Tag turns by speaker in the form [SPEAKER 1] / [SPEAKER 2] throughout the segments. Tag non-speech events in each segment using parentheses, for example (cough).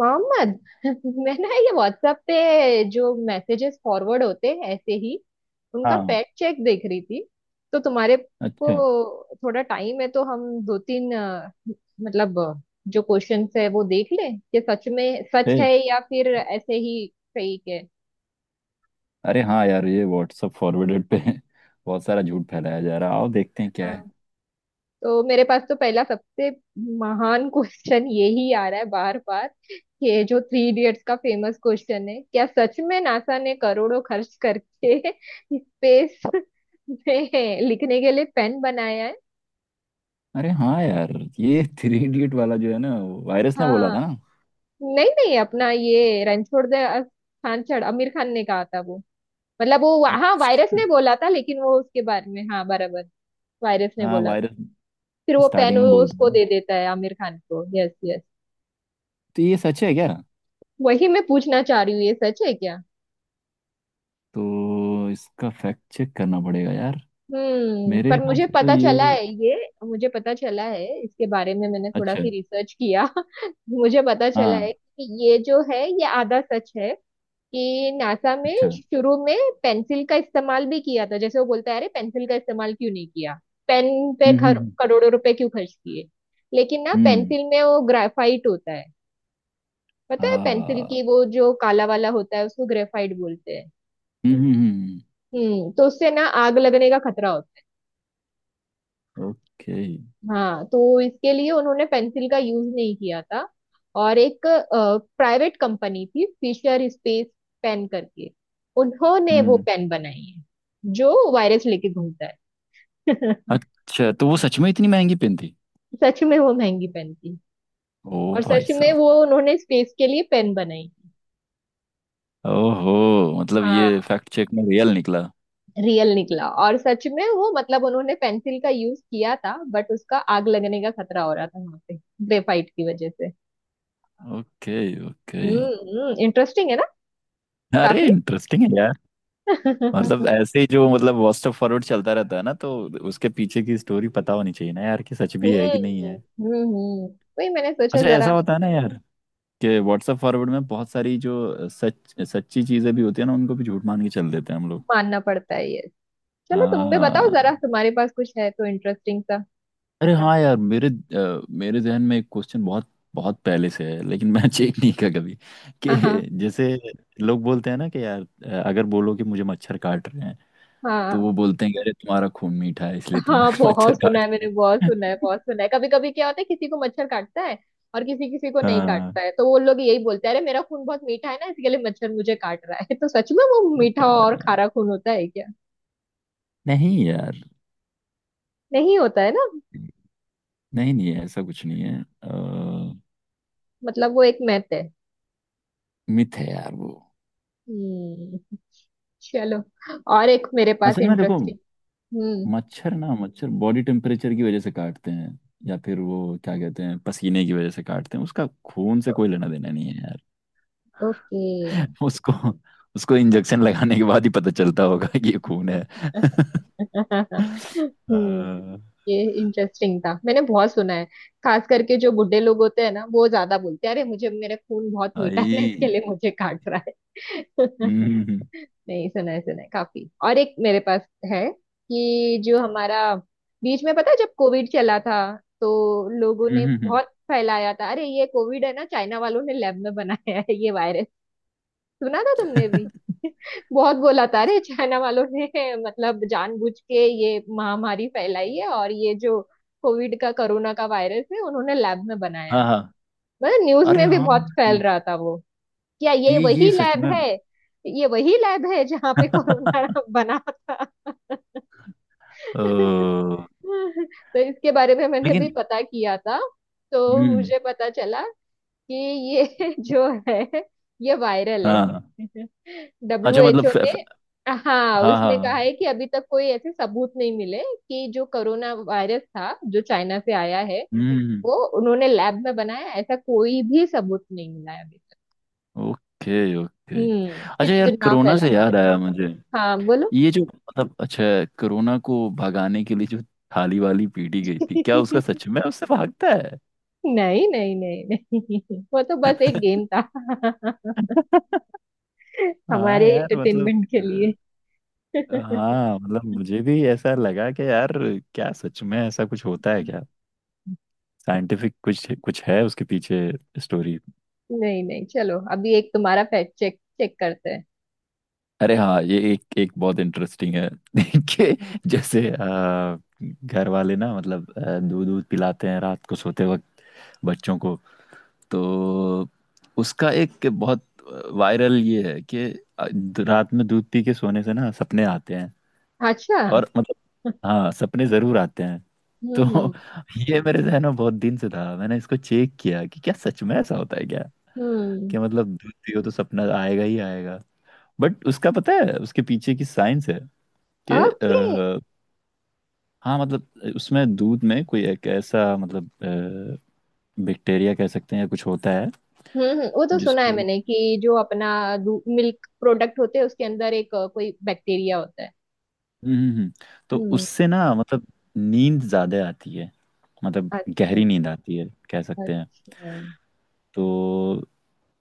[SPEAKER 1] मोहम्मद। (laughs) मैं ना ये व्हाट्सएप पे जो मैसेजेस फॉरवर्ड होते हैं ऐसे ही उनका
[SPEAKER 2] हाँ।
[SPEAKER 1] फैक्ट चेक देख रही थी। तो तुम्हारे
[SPEAKER 2] अच्छा।
[SPEAKER 1] को थोड़ा टाइम है तो हम दो तीन मतलब जो क्वेश्चंस है वो देख लें कि सच में सच है
[SPEAKER 2] फिर।
[SPEAKER 1] या फिर ऐसे ही फेक है।
[SPEAKER 2] अरे हाँ यार, ये व्हाट्सअप फॉरवर्डेड पे (laughs) बहुत सारा झूठ फैलाया जा रहा है। आओ देखते हैं क्या है।
[SPEAKER 1] तो मेरे पास तो पहला सबसे महान क्वेश्चन (laughs) यही आ रहा है बार बार। ये जो थ्री इडियट्स का फेमस क्वेश्चन है, क्या सच में नासा ने करोड़ों खर्च करके (laughs) स्पेस में लिखने के लिए पेन बनाया है?
[SPEAKER 2] अरे हाँ यार, ये थ्री इडियट वाला जो है ना, वायरस ने बोला
[SPEAKER 1] हाँ।
[SPEAKER 2] था ना।
[SPEAKER 1] नहीं नहीं, अपना ये रणछोड़ दे खान चढ़ आमिर खान ने कहा था वो। मतलब वो, हाँ, वायरस
[SPEAKER 2] अच्छा।
[SPEAKER 1] ने बोला था लेकिन वो उसके बारे में, हाँ, बराबर। वायरस ने
[SPEAKER 2] हाँ,
[SPEAKER 1] बोला था।
[SPEAKER 2] वायरस।
[SPEAKER 1] फिर वो पेन
[SPEAKER 2] स्टार्टिंग
[SPEAKER 1] वो
[SPEAKER 2] में बोलता
[SPEAKER 1] उसको
[SPEAKER 2] था ना।
[SPEAKER 1] दे देता है आमिर खान को। Yes yes.
[SPEAKER 2] तो ये सच है क्या?
[SPEAKER 1] वही मैं पूछना चाह रही हूँ, ये सच है क्या?
[SPEAKER 2] तो इसका फैक्ट चेक करना पड़ेगा यार।
[SPEAKER 1] हम्म,
[SPEAKER 2] मेरे
[SPEAKER 1] पर
[SPEAKER 2] हिसाब
[SPEAKER 1] मुझे
[SPEAKER 2] से तो
[SPEAKER 1] पता चला
[SPEAKER 2] ये
[SPEAKER 1] है ये। मुझे पता चला है इसके बारे में, मैंने थोड़ा
[SPEAKER 2] अच्छा है।
[SPEAKER 1] सी रिसर्च किया। (laughs) मुझे पता चला है
[SPEAKER 2] हाँ।
[SPEAKER 1] कि ये जो है ये आधा सच है। कि नासा में
[SPEAKER 2] अच्छा।
[SPEAKER 1] शुरू में पेंसिल का इस्तेमाल भी किया था, जैसे वो बोलता है अरे पेंसिल का इस्तेमाल क्यों नहीं किया, पेन पे
[SPEAKER 2] हम्म, हम्म,
[SPEAKER 1] करोड़ों रुपए क्यों खर्च किए। लेकिन ना
[SPEAKER 2] हम्म,
[SPEAKER 1] पेंसिल में वो ग्रेफाइट होता है। पता है पेंसिल
[SPEAKER 2] हाँ।
[SPEAKER 1] की वो जो काला वाला होता है उसको ग्रेफाइट बोलते हैं।
[SPEAKER 2] हम्म, हम्म।
[SPEAKER 1] तो उससे ना आग लगने का खतरा होता है।
[SPEAKER 2] Okay, okay।
[SPEAKER 1] हाँ, तो इसके लिए उन्होंने पेंसिल का यूज नहीं किया था। और एक प्राइवेट कंपनी थी, फिशर स्पेस पेन करके, उन्होंने वो
[SPEAKER 2] हम्म।
[SPEAKER 1] पेन बनाई है जो वायरस लेके घूमता है। (laughs)
[SPEAKER 2] अच्छा, तो वो सच में इतनी महंगी पेन थी?
[SPEAKER 1] सच में वो महंगी पेन थी,
[SPEAKER 2] ओ
[SPEAKER 1] और
[SPEAKER 2] भाई
[SPEAKER 1] सच में
[SPEAKER 2] साहब।
[SPEAKER 1] वो उन्होंने स्पेस के लिए पेन बनाई थी।
[SPEAKER 2] ओहो, मतलब
[SPEAKER 1] हाँ,
[SPEAKER 2] ये फैक्ट चेक में रियल निकला।
[SPEAKER 1] रियल निकला। और सच में वो मतलब उन्होंने पेंसिल का यूज किया था, बट उसका आग लगने का खतरा हो रहा था वहां पे ग्रेफाइट की वजह से।
[SPEAKER 2] ओके। ओके।
[SPEAKER 1] हम्म, इंटरेस्टिंग है ना,
[SPEAKER 2] अरे
[SPEAKER 1] काफी।
[SPEAKER 2] इंटरेस्टिंग है यार। मतलब
[SPEAKER 1] (laughs)
[SPEAKER 2] ऐसे ही जो, मतलब, व्हाट्सएप फॉरवर्ड चलता रहता है ना, तो उसके पीछे की स्टोरी पता होनी चाहिए ना यार, कि सच भी है कि नहीं
[SPEAKER 1] हम्म
[SPEAKER 2] है।
[SPEAKER 1] हम्म हम्म। वही मैंने सोचा
[SPEAKER 2] अच्छा,
[SPEAKER 1] जरा।
[SPEAKER 2] ऐसा होता है ना यार, कि व्हाट्सएप फॉरवर्ड में बहुत सारी जो सच सच्ची चीजें भी होती है ना, उनको भी झूठ मान के चल देते हैं हम लोग।
[SPEAKER 1] मानना पड़ता है ये। चलो,
[SPEAKER 2] हाँ,
[SPEAKER 1] तुम भी बताओ जरा,
[SPEAKER 2] हाँ।
[SPEAKER 1] तुम्हारे पास कुछ है तो इंटरेस्टिंग सा।
[SPEAKER 2] अरे हाँ यार, मेरे जहन में एक क्वेश्चन बहुत बहुत पहले से है, लेकिन मैं (laughs) चेक नहीं किया कभी,
[SPEAKER 1] हाँ
[SPEAKER 2] कि
[SPEAKER 1] हाँ
[SPEAKER 2] जैसे लोग बोलते हैं ना कि यार, अगर बोलो कि मुझे मच्छर काट रहे हैं, तो
[SPEAKER 1] हाँ
[SPEAKER 2] वो बोलते हैं कि अरे तुम्हारा खून मीठा है, इसलिए तुम्हें
[SPEAKER 1] हाँ,
[SPEAKER 2] (laughs) मच्छर
[SPEAKER 1] बहुत सुना है
[SPEAKER 2] काटते
[SPEAKER 1] मैंने, बहुत
[SPEAKER 2] हैं।
[SPEAKER 1] सुना है, बहुत सुना है। कभी कभी क्या होता है, किसी को मच्छर काटता है और किसी किसी को नहीं
[SPEAKER 2] हाँ।
[SPEAKER 1] काटता है, तो वो लोग यही बोलते हैं अरे मेरा खून बहुत मीठा है ना इसके लिए मच्छर मुझे काट रहा है। (laughs) तो सच में वो मीठा
[SPEAKER 2] बताओ
[SPEAKER 1] और
[SPEAKER 2] यार।
[SPEAKER 1] खारा खून होता है क्या?
[SPEAKER 2] नहीं यार,
[SPEAKER 1] नहीं होता है ना।
[SPEAKER 2] नहीं, नहीं, ऐसा कुछ नहीं है।
[SPEAKER 1] मतलब वो एक मैथ है।
[SPEAKER 2] मिथ है यार वो।
[SPEAKER 1] हम्म। चलो, और एक मेरे पास
[SPEAKER 2] असल में देखो,
[SPEAKER 1] इंटरेस्टिंग। हम्म।
[SPEAKER 2] मच्छर बॉडी टेम्परेचर की वजह से काटते हैं, या फिर वो क्या कहते हैं, पसीने की वजह से काटते हैं। उसका खून से कोई लेना देना नहीं है यार।
[SPEAKER 1] ओके।
[SPEAKER 2] (laughs) उसको उसको इंजेक्शन लगाने के बाद ही पता चलता होगा कि ये खून है।
[SPEAKER 1] (laughs) हम्म,
[SPEAKER 2] अ,
[SPEAKER 1] ये इंटरेस्टिंग था, मैंने बहुत सुना है, खास करके जो बुड्ढे लोग होते हैं ना वो ज्यादा बोलते हैं अरे मुझे मेरा खून बहुत मीठा है ना इसके
[SPEAKER 2] आई।
[SPEAKER 1] लिए मुझे काट रहा
[SPEAKER 2] हम्म,
[SPEAKER 1] है। (laughs) नहीं, सुना है, सुना है काफी। और एक मेरे पास है, कि जो हमारा बीच में पता है जब कोविड चला था तो लोगों ने
[SPEAKER 2] हम्म।
[SPEAKER 1] बहुत फैलाया था अरे ये कोविड है ना चाइना वालों ने लैब में बनाया है ये वायरस। सुना था तुमने भी?
[SPEAKER 2] (laughs)
[SPEAKER 1] बहुत बोला था अरे चाइना वालों ने मतलब जानबूझ के ये महामारी फैलाई है, और ये जो कोविड का कोरोना का वायरस है उन्होंने लैब में बनाया
[SPEAKER 2] हाँ,
[SPEAKER 1] है।
[SPEAKER 2] हाँ।
[SPEAKER 1] मतलब न्यूज
[SPEAKER 2] अरे
[SPEAKER 1] में भी
[SPEAKER 2] हाँ,
[SPEAKER 1] बहुत फैल
[SPEAKER 2] ये
[SPEAKER 1] रहा था वो। क्या ये
[SPEAKER 2] ये
[SPEAKER 1] वही
[SPEAKER 2] सच
[SPEAKER 1] लैब
[SPEAKER 2] में
[SPEAKER 1] है? ये वही लैब है जहाँ पे कोरोना
[SPEAKER 2] (laughs)
[SPEAKER 1] बना था। (laughs)
[SPEAKER 2] ओ।
[SPEAKER 1] तो इसके बारे में मैंने
[SPEAKER 2] लेकिन।
[SPEAKER 1] भी पता किया था। तो
[SPEAKER 2] हम्म।
[SPEAKER 1] मुझे पता चला कि ये (laughs) जो है ये वायरल है।
[SPEAKER 2] हाँ, हाँ।
[SPEAKER 1] (laughs) डब्ल्यू
[SPEAKER 2] अच्छा,
[SPEAKER 1] एच
[SPEAKER 2] मतलब,
[SPEAKER 1] ओ
[SPEAKER 2] फ,
[SPEAKER 1] ने,
[SPEAKER 2] फ,
[SPEAKER 1] हाँ,
[SPEAKER 2] हाँ, हाँ,
[SPEAKER 1] उसने कहा है
[SPEAKER 2] हाँ।
[SPEAKER 1] कि अभी तक कोई ऐसे सबूत नहीं मिले कि जो कोरोना वायरस था जो चाइना से आया है
[SPEAKER 2] हम्म,
[SPEAKER 1] वो उन्होंने लैब में बनाया, ऐसा कोई भी सबूत नहीं मिला है अभी तक।
[SPEAKER 2] ओके। ओके।
[SPEAKER 1] हम्म,
[SPEAKER 2] अच्छा यार,
[SPEAKER 1] कितना
[SPEAKER 2] कोरोना
[SPEAKER 1] फैला
[SPEAKER 2] से
[SPEAKER 1] था।
[SPEAKER 2] याद आया मुझे।
[SPEAKER 1] हाँ बोलो।
[SPEAKER 2] ये जो, मतलब, अच्छा, कोरोना को भगाने के लिए जो थाली वाली पीटी गई थी, क्या उसका
[SPEAKER 1] (laughs)
[SPEAKER 2] सच में उससे भागता है?
[SPEAKER 1] नहीं नहीं नहीं नहीं, वो तो बस एक गेम था। (laughs)
[SPEAKER 2] (laughs) हाँ
[SPEAKER 1] हमारे
[SPEAKER 2] यार, मतलब
[SPEAKER 1] एंटरटेनमेंट के लिए। (laughs)
[SPEAKER 2] हाँ, मतलब, मुझे भी ऐसा लगा कि यार, क्या सच में ऐसा कुछ होता है क्या? साइंटिफिक कुछ कुछ है उसके पीछे स्टोरी।
[SPEAKER 1] नहीं नहीं, चलो अभी एक तुम्हारा फैक्ट चेक चेक करते हैं।
[SPEAKER 2] अरे हाँ, ये एक एक बहुत इंटरेस्टिंग है। (laughs) कि जैसे घर वाले ना, मतलब, दूध दूध पिलाते हैं रात को सोते वक्त बच्चों को। तो उसका एक बहुत वायरल ये है कि अ, रात में दूध पी के सोने से ना सपने आते हैं,
[SPEAKER 1] अच्छा।
[SPEAKER 2] और मतलब, हाँ, सपने जरूर आते हैं। तो
[SPEAKER 1] हम्म
[SPEAKER 2] (laughs) ये मेरे जहन में बहुत दिन से था, मैंने इसको चेक किया कि क्या सच में ऐसा होता है क्या, कि
[SPEAKER 1] हम्म।
[SPEAKER 2] मतलब दूध पियो तो सपना आएगा ही आएगा। बट उसका पता है, उसके पीछे की साइंस है कि
[SPEAKER 1] ओके okay.
[SPEAKER 2] हाँ, मतलब उसमें, दूध में कोई एक ऐसा, मतलब, बैक्टीरिया कह सकते हैं, या कुछ होता है
[SPEAKER 1] वो तो सुना है
[SPEAKER 2] जिसको
[SPEAKER 1] मैंने कि जो अपना मिल्क प्रोडक्ट होते हैं उसके अंदर एक कोई बैक्टीरिया होता है।
[SPEAKER 2] हम्म, तो
[SPEAKER 1] हम्म।
[SPEAKER 2] उससे ना, मतलब नींद ज़्यादा आती है, मतलब
[SPEAKER 1] अच्छा।
[SPEAKER 2] गहरी नींद आती है, कह सकते हैं।
[SPEAKER 1] अच्छा।
[SPEAKER 2] तो,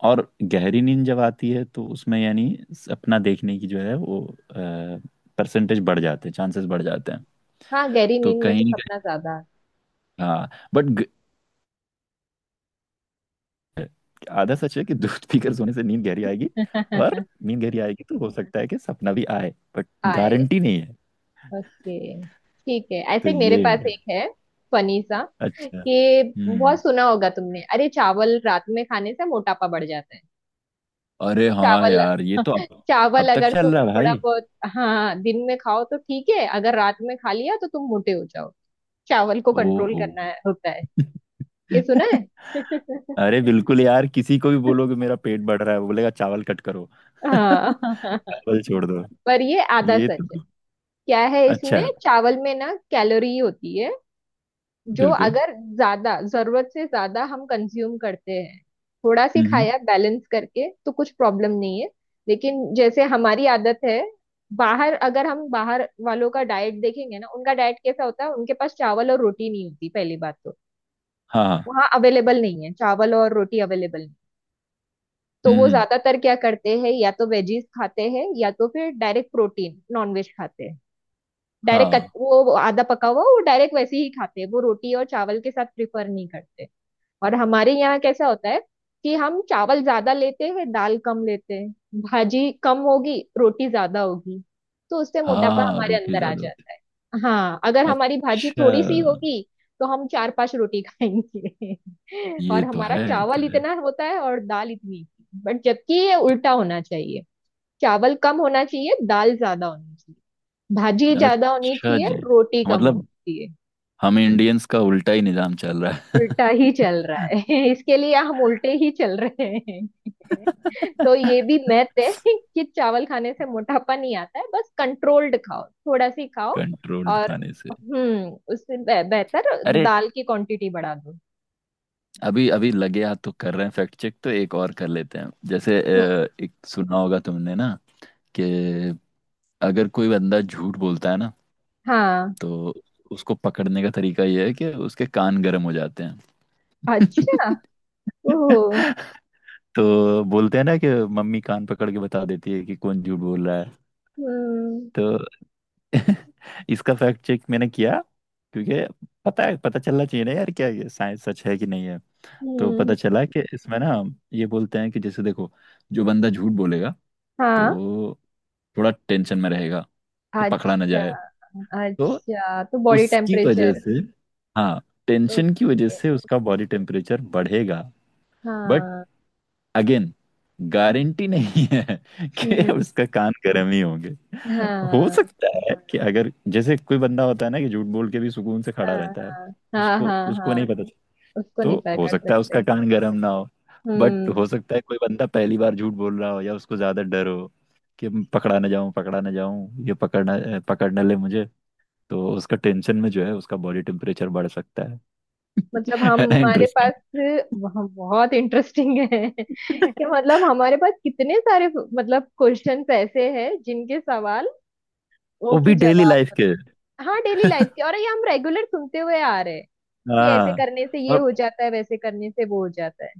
[SPEAKER 2] और गहरी नींद जब आती है तो उसमें यानी अपना देखने की जो है वो परसेंटेज बढ़ जाते हैं, चांसेस बढ़ जाते हैं।
[SPEAKER 1] हाँ गहरी
[SPEAKER 2] तो
[SPEAKER 1] नींद में तो
[SPEAKER 2] कहीं ना
[SPEAKER 1] सपना
[SPEAKER 2] कहीं,
[SPEAKER 1] ज्यादा
[SPEAKER 2] हाँ, बट आधा सच है कि दूध पीकर सोने से नींद गहरी आएगी,
[SPEAKER 1] आता
[SPEAKER 2] और
[SPEAKER 1] है। (laughs)
[SPEAKER 2] नींद गहरी आएगी तो हो सकता है कि सपना भी आए, बट
[SPEAKER 1] आए।
[SPEAKER 2] गारंटी नहीं है।
[SPEAKER 1] ओके ठीक है, ऐसे
[SPEAKER 2] तो
[SPEAKER 1] ही मेरे
[SPEAKER 2] ये
[SPEAKER 1] पास एक
[SPEAKER 2] है।
[SPEAKER 1] है, फनी सा,
[SPEAKER 2] अच्छा।
[SPEAKER 1] कि बहुत
[SPEAKER 2] हम्म।
[SPEAKER 1] सुना होगा तुमने अरे चावल रात में खाने से मोटापा बढ़ जाता है।
[SPEAKER 2] अरे हाँ
[SPEAKER 1] चावल।
[SPEAKER 2] यार, ये तो
[SPEAKER 1] (laughs) चावल
[SPEAKER 2] अब तक
[SPEAKER 1] अगर
[SPEAKER 2] चल रहा
[SPEAKER 1] तुम
[SPEAKER 2] है
[SPEAKER 1] थोड़ा
[SPEAKER 2] भाई।
[SPEAKER 1] बहुत, हाँ, दिन में खाओ तो ठीक है, अगर रात में खा लिया तो तुम मोटे हो जाओ। चावल को कंट्रोल
[SPEAKER 2] ओहो।
[SPEAKER 1] करना है, होता है। ये सुना है।
[SPEAKER 2] (laughs)
[SPEAKER 1] (laughs)
[SPEAKER 2] अरे बिल्कुल यार, किसी को भी बोलोगे मेरा पेट बढ़ रहा है, वो बोलेगा चावल कट करो। (laughs)
[SPEAKER 1] हाँ। (laughs)
[SPEAKER 2] चावल छोड़ दो।
[SPEAKER 1] पर ये आधा
[SPEAKER 2] ये
[SPEAKER 1] सच
[SPEAKER 2] तो
[SPEAKER 1] है।
[SPEAKER 2] तो
[SPEAKER 1] क्या है
[SPEAKER 2] अच्छा
[SPEAKER 1] इसमें,
[SPEAKER 2] है।
[SPEAKER 1] चावल में ना कैलोरी होती है जो
[SPEAKER 2] बिल्कुल।
[SPEAKER 1] अगर ज्यादा जरूरत से ज्यादा हम कंज्यूम करते हैं, थोड़ा सी
[SPEAKER 2] हम्म।
[SPEAKER 1] खाया बैलेंस करके तो कुछ प्रॉब्लम नहीं है। लेकिन जैसे हमारी आदत है, बाहर अगर हम बाहर वालों का डाइट देखेंगे ना, उनका डाइट कैसा होता है, उनके पास चावल और रोटी नहीं होती पहली बात तो।
[SPEAKER 2] हाँ, हाँ।
[SPEAKER 1] वहाँ अवेलेबल नहीं है, चावल और रोटी अवेलेबल नहीं। तो वो
[SPEAKER 2] हम्म।
[SPEAKER 1] ज्यादातर क्या करते हैं, या तो वेजीज खाते हैं या तो फिर डायरेक्ट प्रोटीन नॉनवेज खाते हैं। डायरेक्ट
[SPEAKER 2] हाँ,
[SPEAKER 1] वो आधा पका हुआ वो डायरेक्ट वैसे ही खाते हैं, वो रोटी और चावल के साथ प्रिफर नहीं करते। और हमारे यहाँ कैसा होता है, कि हम चावल ज्यादा लेते हैं दाल कम लेते हैं, भाजी कम होगी रोटी ज्यादा होगी, तो उससे मोटापा
[SPEAKER 2] हाँ।
[SPEAKER 1] हमारे
[SPEAKER 2] रोटी
[SPEAKER 1] अंदर आ
[SPEAKER 2] ज्यादा होती।
[SPEAKER 1] जाता है। हाँ, अगर हमारी भाजी
[SPEAKER 2] अच्छा।
[SPEAKER 1] थोड़ी सी होगी तो हम चार पांच रोटी खाएंगे। (laughs)
[SPEAKER 2] ये
[SPEAKER 1] और
[SPEAKER 2] तो
[SPEAKER 1] हमारा
[SPEAKER 2] है। ये तो
[SPEAKER 1] चावल
[SPEAKER 2] है।
[SPEAKER 1] इतना होता है और दाल इतनी, बट जबकि ये उल्टा होना चाहिए। चावल कम होना चाहिए दाल ज्यादा होनी चाहिए, भाजी ज्यादा होनी
[SPEAKER 2] अच्छा
[SPEAKER 1] चाहिए
[SPEAKER 2] जी,
[SPEAKER 1] रोटी कम होनी
[SPEAKER 2] मतलब
[SPEAKER 1] चाहिए।
[SPEAKER 2] हम इंडियंस का उल्टा ही निजाम चल रहा
[SPEAKER 1] उल्टा ही चल रहा
[SPEAKER 2] है।
[SPEAKER 1] है। (laughs) इसके लिए हम उल्टे ही चल रहे। तो ये भी
[SPEAKER 2] (laughs)
[SPEAKER 1] मैथ है (laughs) कि चावल खाने से मोटापा नहीं आता है, बस कंट्रोल्ड खाओ थोड़ा सी खाओ।
[SPEAKER 2] कंट्रोल्ड
[SPEAKER 1] और
[SPEAKER 2] खाने से।
[SPEAKER 1] उससे बेहतर
[SPEAKER 2] अरे,
[SPEAKER 1] दाल की क्वांटिटी बढ़ा दो।
[SPEAKER 2] अभी अभी लगे हाथ तो कर रहे हैं फैक्ट चेक, तो एक और कर लेते हैं। जैसे
[SPEAKER 1] हम्म,
[SPEAKER 2] एक सुना होगा तुमने ना, कि अगर कोई बंदा झूठ बोलता है ना,
[SPEAKER 1] हाँ।
[SPEAKER 2] तो उसको पकड़ने का तरीका यह है कि उसके कान गर्म हो जाते हैं।
[SPEAKER 1] अच्छा। ओह।
[SPEAKER 2] (laughs) तो बोलते हैं ना कि मम्मी कान पकड़ के बता देती है कि कौन झूठ बोल रहा है।
[SPEAKER 1] हम्म
[SPEAKER 2] तो (laughs) इसका फैक्ट चेक मैंने किया, क्योंकि पता है, पता चलना चाहिए ना यार, क्या ये साइंस सच है कि नहीं है। तो पता
[SPEAKER 1] हम्म।
[SPEAKER 2] चला कि इसमें ना, ये बोलते हैं कि जैसे देखो, जो बंदा झूठ बोलेगा
[SPEAKER 1] हाँ।
[SPEAKER 2] तो थोड़ा टेंशन में रहेगा कि पकड़ा ना
[SPEAKER 1] अच्छा।
[SPEAKER 2] जाए। तो
[SPEAKER 1] अच्छा तो बॉडी
[SPEAKER 2] उसकी वजह
[SPEAKER 1] टेम्परेचर।
[SPEAKER 2] से, हाँ, टेंशन की वजह
[SPEAKER 1] ओके।
[SPEAKER 2] से उसका बॉडी टेम्परेचर बढ़ेगा। बट
[SPEAKER 1] हाँ।
[SPEAKER 2] अगेन, गारंटी नहीं है (laughs) कि
[SPEAKER 1] हम्म।
[SPEAKER 2] उसका कान गर्म ही होंगे। हो
[SPEAKER 1] हाँ
[SPEAKER 2] सकता है कि अगर जैसे कोई बंदा होता है ना कि झूठ बोल के भी सुकून से
[SPEAKER 1] हाँ
[SPEAKER 2] खड़ा
[SPEAKER 1] हाँ
[SPEAKER 2] रहता है,
[SPEAKER 1] हाँ।
[SPEAKER 2] उसको
[SPEAKER 1] हाँ
[SPEAKER 2] उसको
[SPEAKER 1] हाँ।
[SPEAKER 2] नहीं पता चलता।
[SPEAKER 1] उसको नहीं
[SPEAKER 2] तो हो
[SPEAKER 1] पकड़
[SPEAKER 2] सकता है उसका
[SPEAKER 1] सकते।
[SPEAKER 2] कान गर्म ना हो। बट
[SPEAKER 1] हम्म।
[SPEAKER 2] हो सकता है कोई बंदा पहली बार झूठ बोल रहा हो, या उसको ज्यादा डर हो कि मैं पकड़ा ना जाऊं, पकड़ा ना जाऊं, ये पकड़ ना ले मुझे। तो उसका टेंशन में जो है, उसका बॉडी टेम्परेचर बढ़ सकता है।
[SPEAKER 1] मतलब
[SPEAKER 2] (laughs) है ना
[SPEAKER 1] हमारे
[SPEAKER 2] इंटरेस्टिंग?
[SPEAKER 1] पास बहुत इंटरेस्टिंग है (laughs) कि
[SPEAKER 2] (laughs)
[SPEAKER 1] मतलब हमारे पास कितने सारे मतलब क्वेश्चंस ऐसे हैं जिनके सवाल वो
[SPEAKER 2] वो
[SPEAKER 1] के
[SPEAKER 2] भी डेली
[SPEAKER 1] जवाब
[SPEAKER 2] लाइफ के।
[SPEAKER 1] मतलब, हाँ, डेली लाइफ के,
[SPEAKER 2] (laughs)
[SPEAKER 1] और ये हम रेगुलर सुनते हुए आ रहे हैं कि ऐसे
[SPEAKER 2] हाँ।
[SPEAKER 1] करने से ये
[SPEAKER 2] और
[SPEAKER 1] हो जाता है वैसे करने से वो हो जाता है,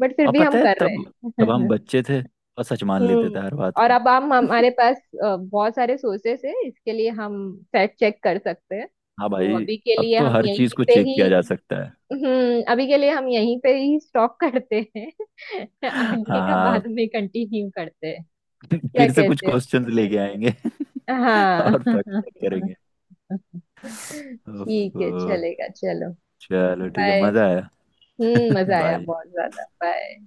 [SPEAKER 1] बट फिर
[SPEAKER 2] और
[SPEAKER 1] भी
[SPEAKER 2] पता
[SPEAKER 1] हम
[SPEAKER 2] है,
[SPEAKER 1] कर रहे
[SPEAKER 2] तब तब हम
[SPEAKER 1] हैं। (laughs)
[SPEAKER 2] बच्चे थे, और सच मान लेते
[SPEAKER 1] हम्म।
[SPEAKER 2] थे हर बात
[SPEAKER 1] और
[SPEAKER 2] को।
[SPEAKER 1] अब हम हमारे पास बहुत सारे सोर्सेस है, इसके लिए हम फैक्ट चेक कर सकते हैं।
[SPEAKER 2] हाँ
[SPEAKER 1] तो
[SPEAKER 2] भाई,
[SPEAKER 1] अभी के
[SPEAKER 2] अब
[SPEAKER 1] लिए
[SPEAKER 2] तो
[SPEAKER 1] हम
[SPEAKER 2] हर चीज
[SPEAKER 1] यहीं
[SPEAKER 2] को
[SPEAKER 1] पे
[SPEAKER 2] चेक
[SPEAKER 1] ही,
[SPEAKER 2] किया जा सकता है।
[SPEAKER 1] हम्म, अभी के लिए हम यहीं पे ही स्टॉप करते हैं। (laughs) आगे का
[SPEAKER 2] हाँ,
[SPEAKER 1] बाद में कंटिन्यू करते हैं, क्या
[SPEAKER 2] फिर से कुछ
[SPEAKER 1] कहते
[SPEAKER 2] क्वेश्चंस लेके आएंगे
[SPEAKER 1] हो?
[SPEAKER 2] (laughs) और फैक्ट
[SPEAKER 1] हाँ।
[SPEAKER 2] चेक करेंगे।
[SPEAKER 1] (laughs) ठीक
[SPEAKER 2] उफ।
[SPEAKER 1] है चलेगा, चलो,
[SPEAKER 2] चलो, ठीक है,
[SPEAKER 1] बाय।
[SPEAKER 2] मजा आया।
[SPEAKER 1] हम्म, मजा आया
[SPEAKER 2] बाय।
[SPEAKER 1] बहुत ज्यादा, बाय।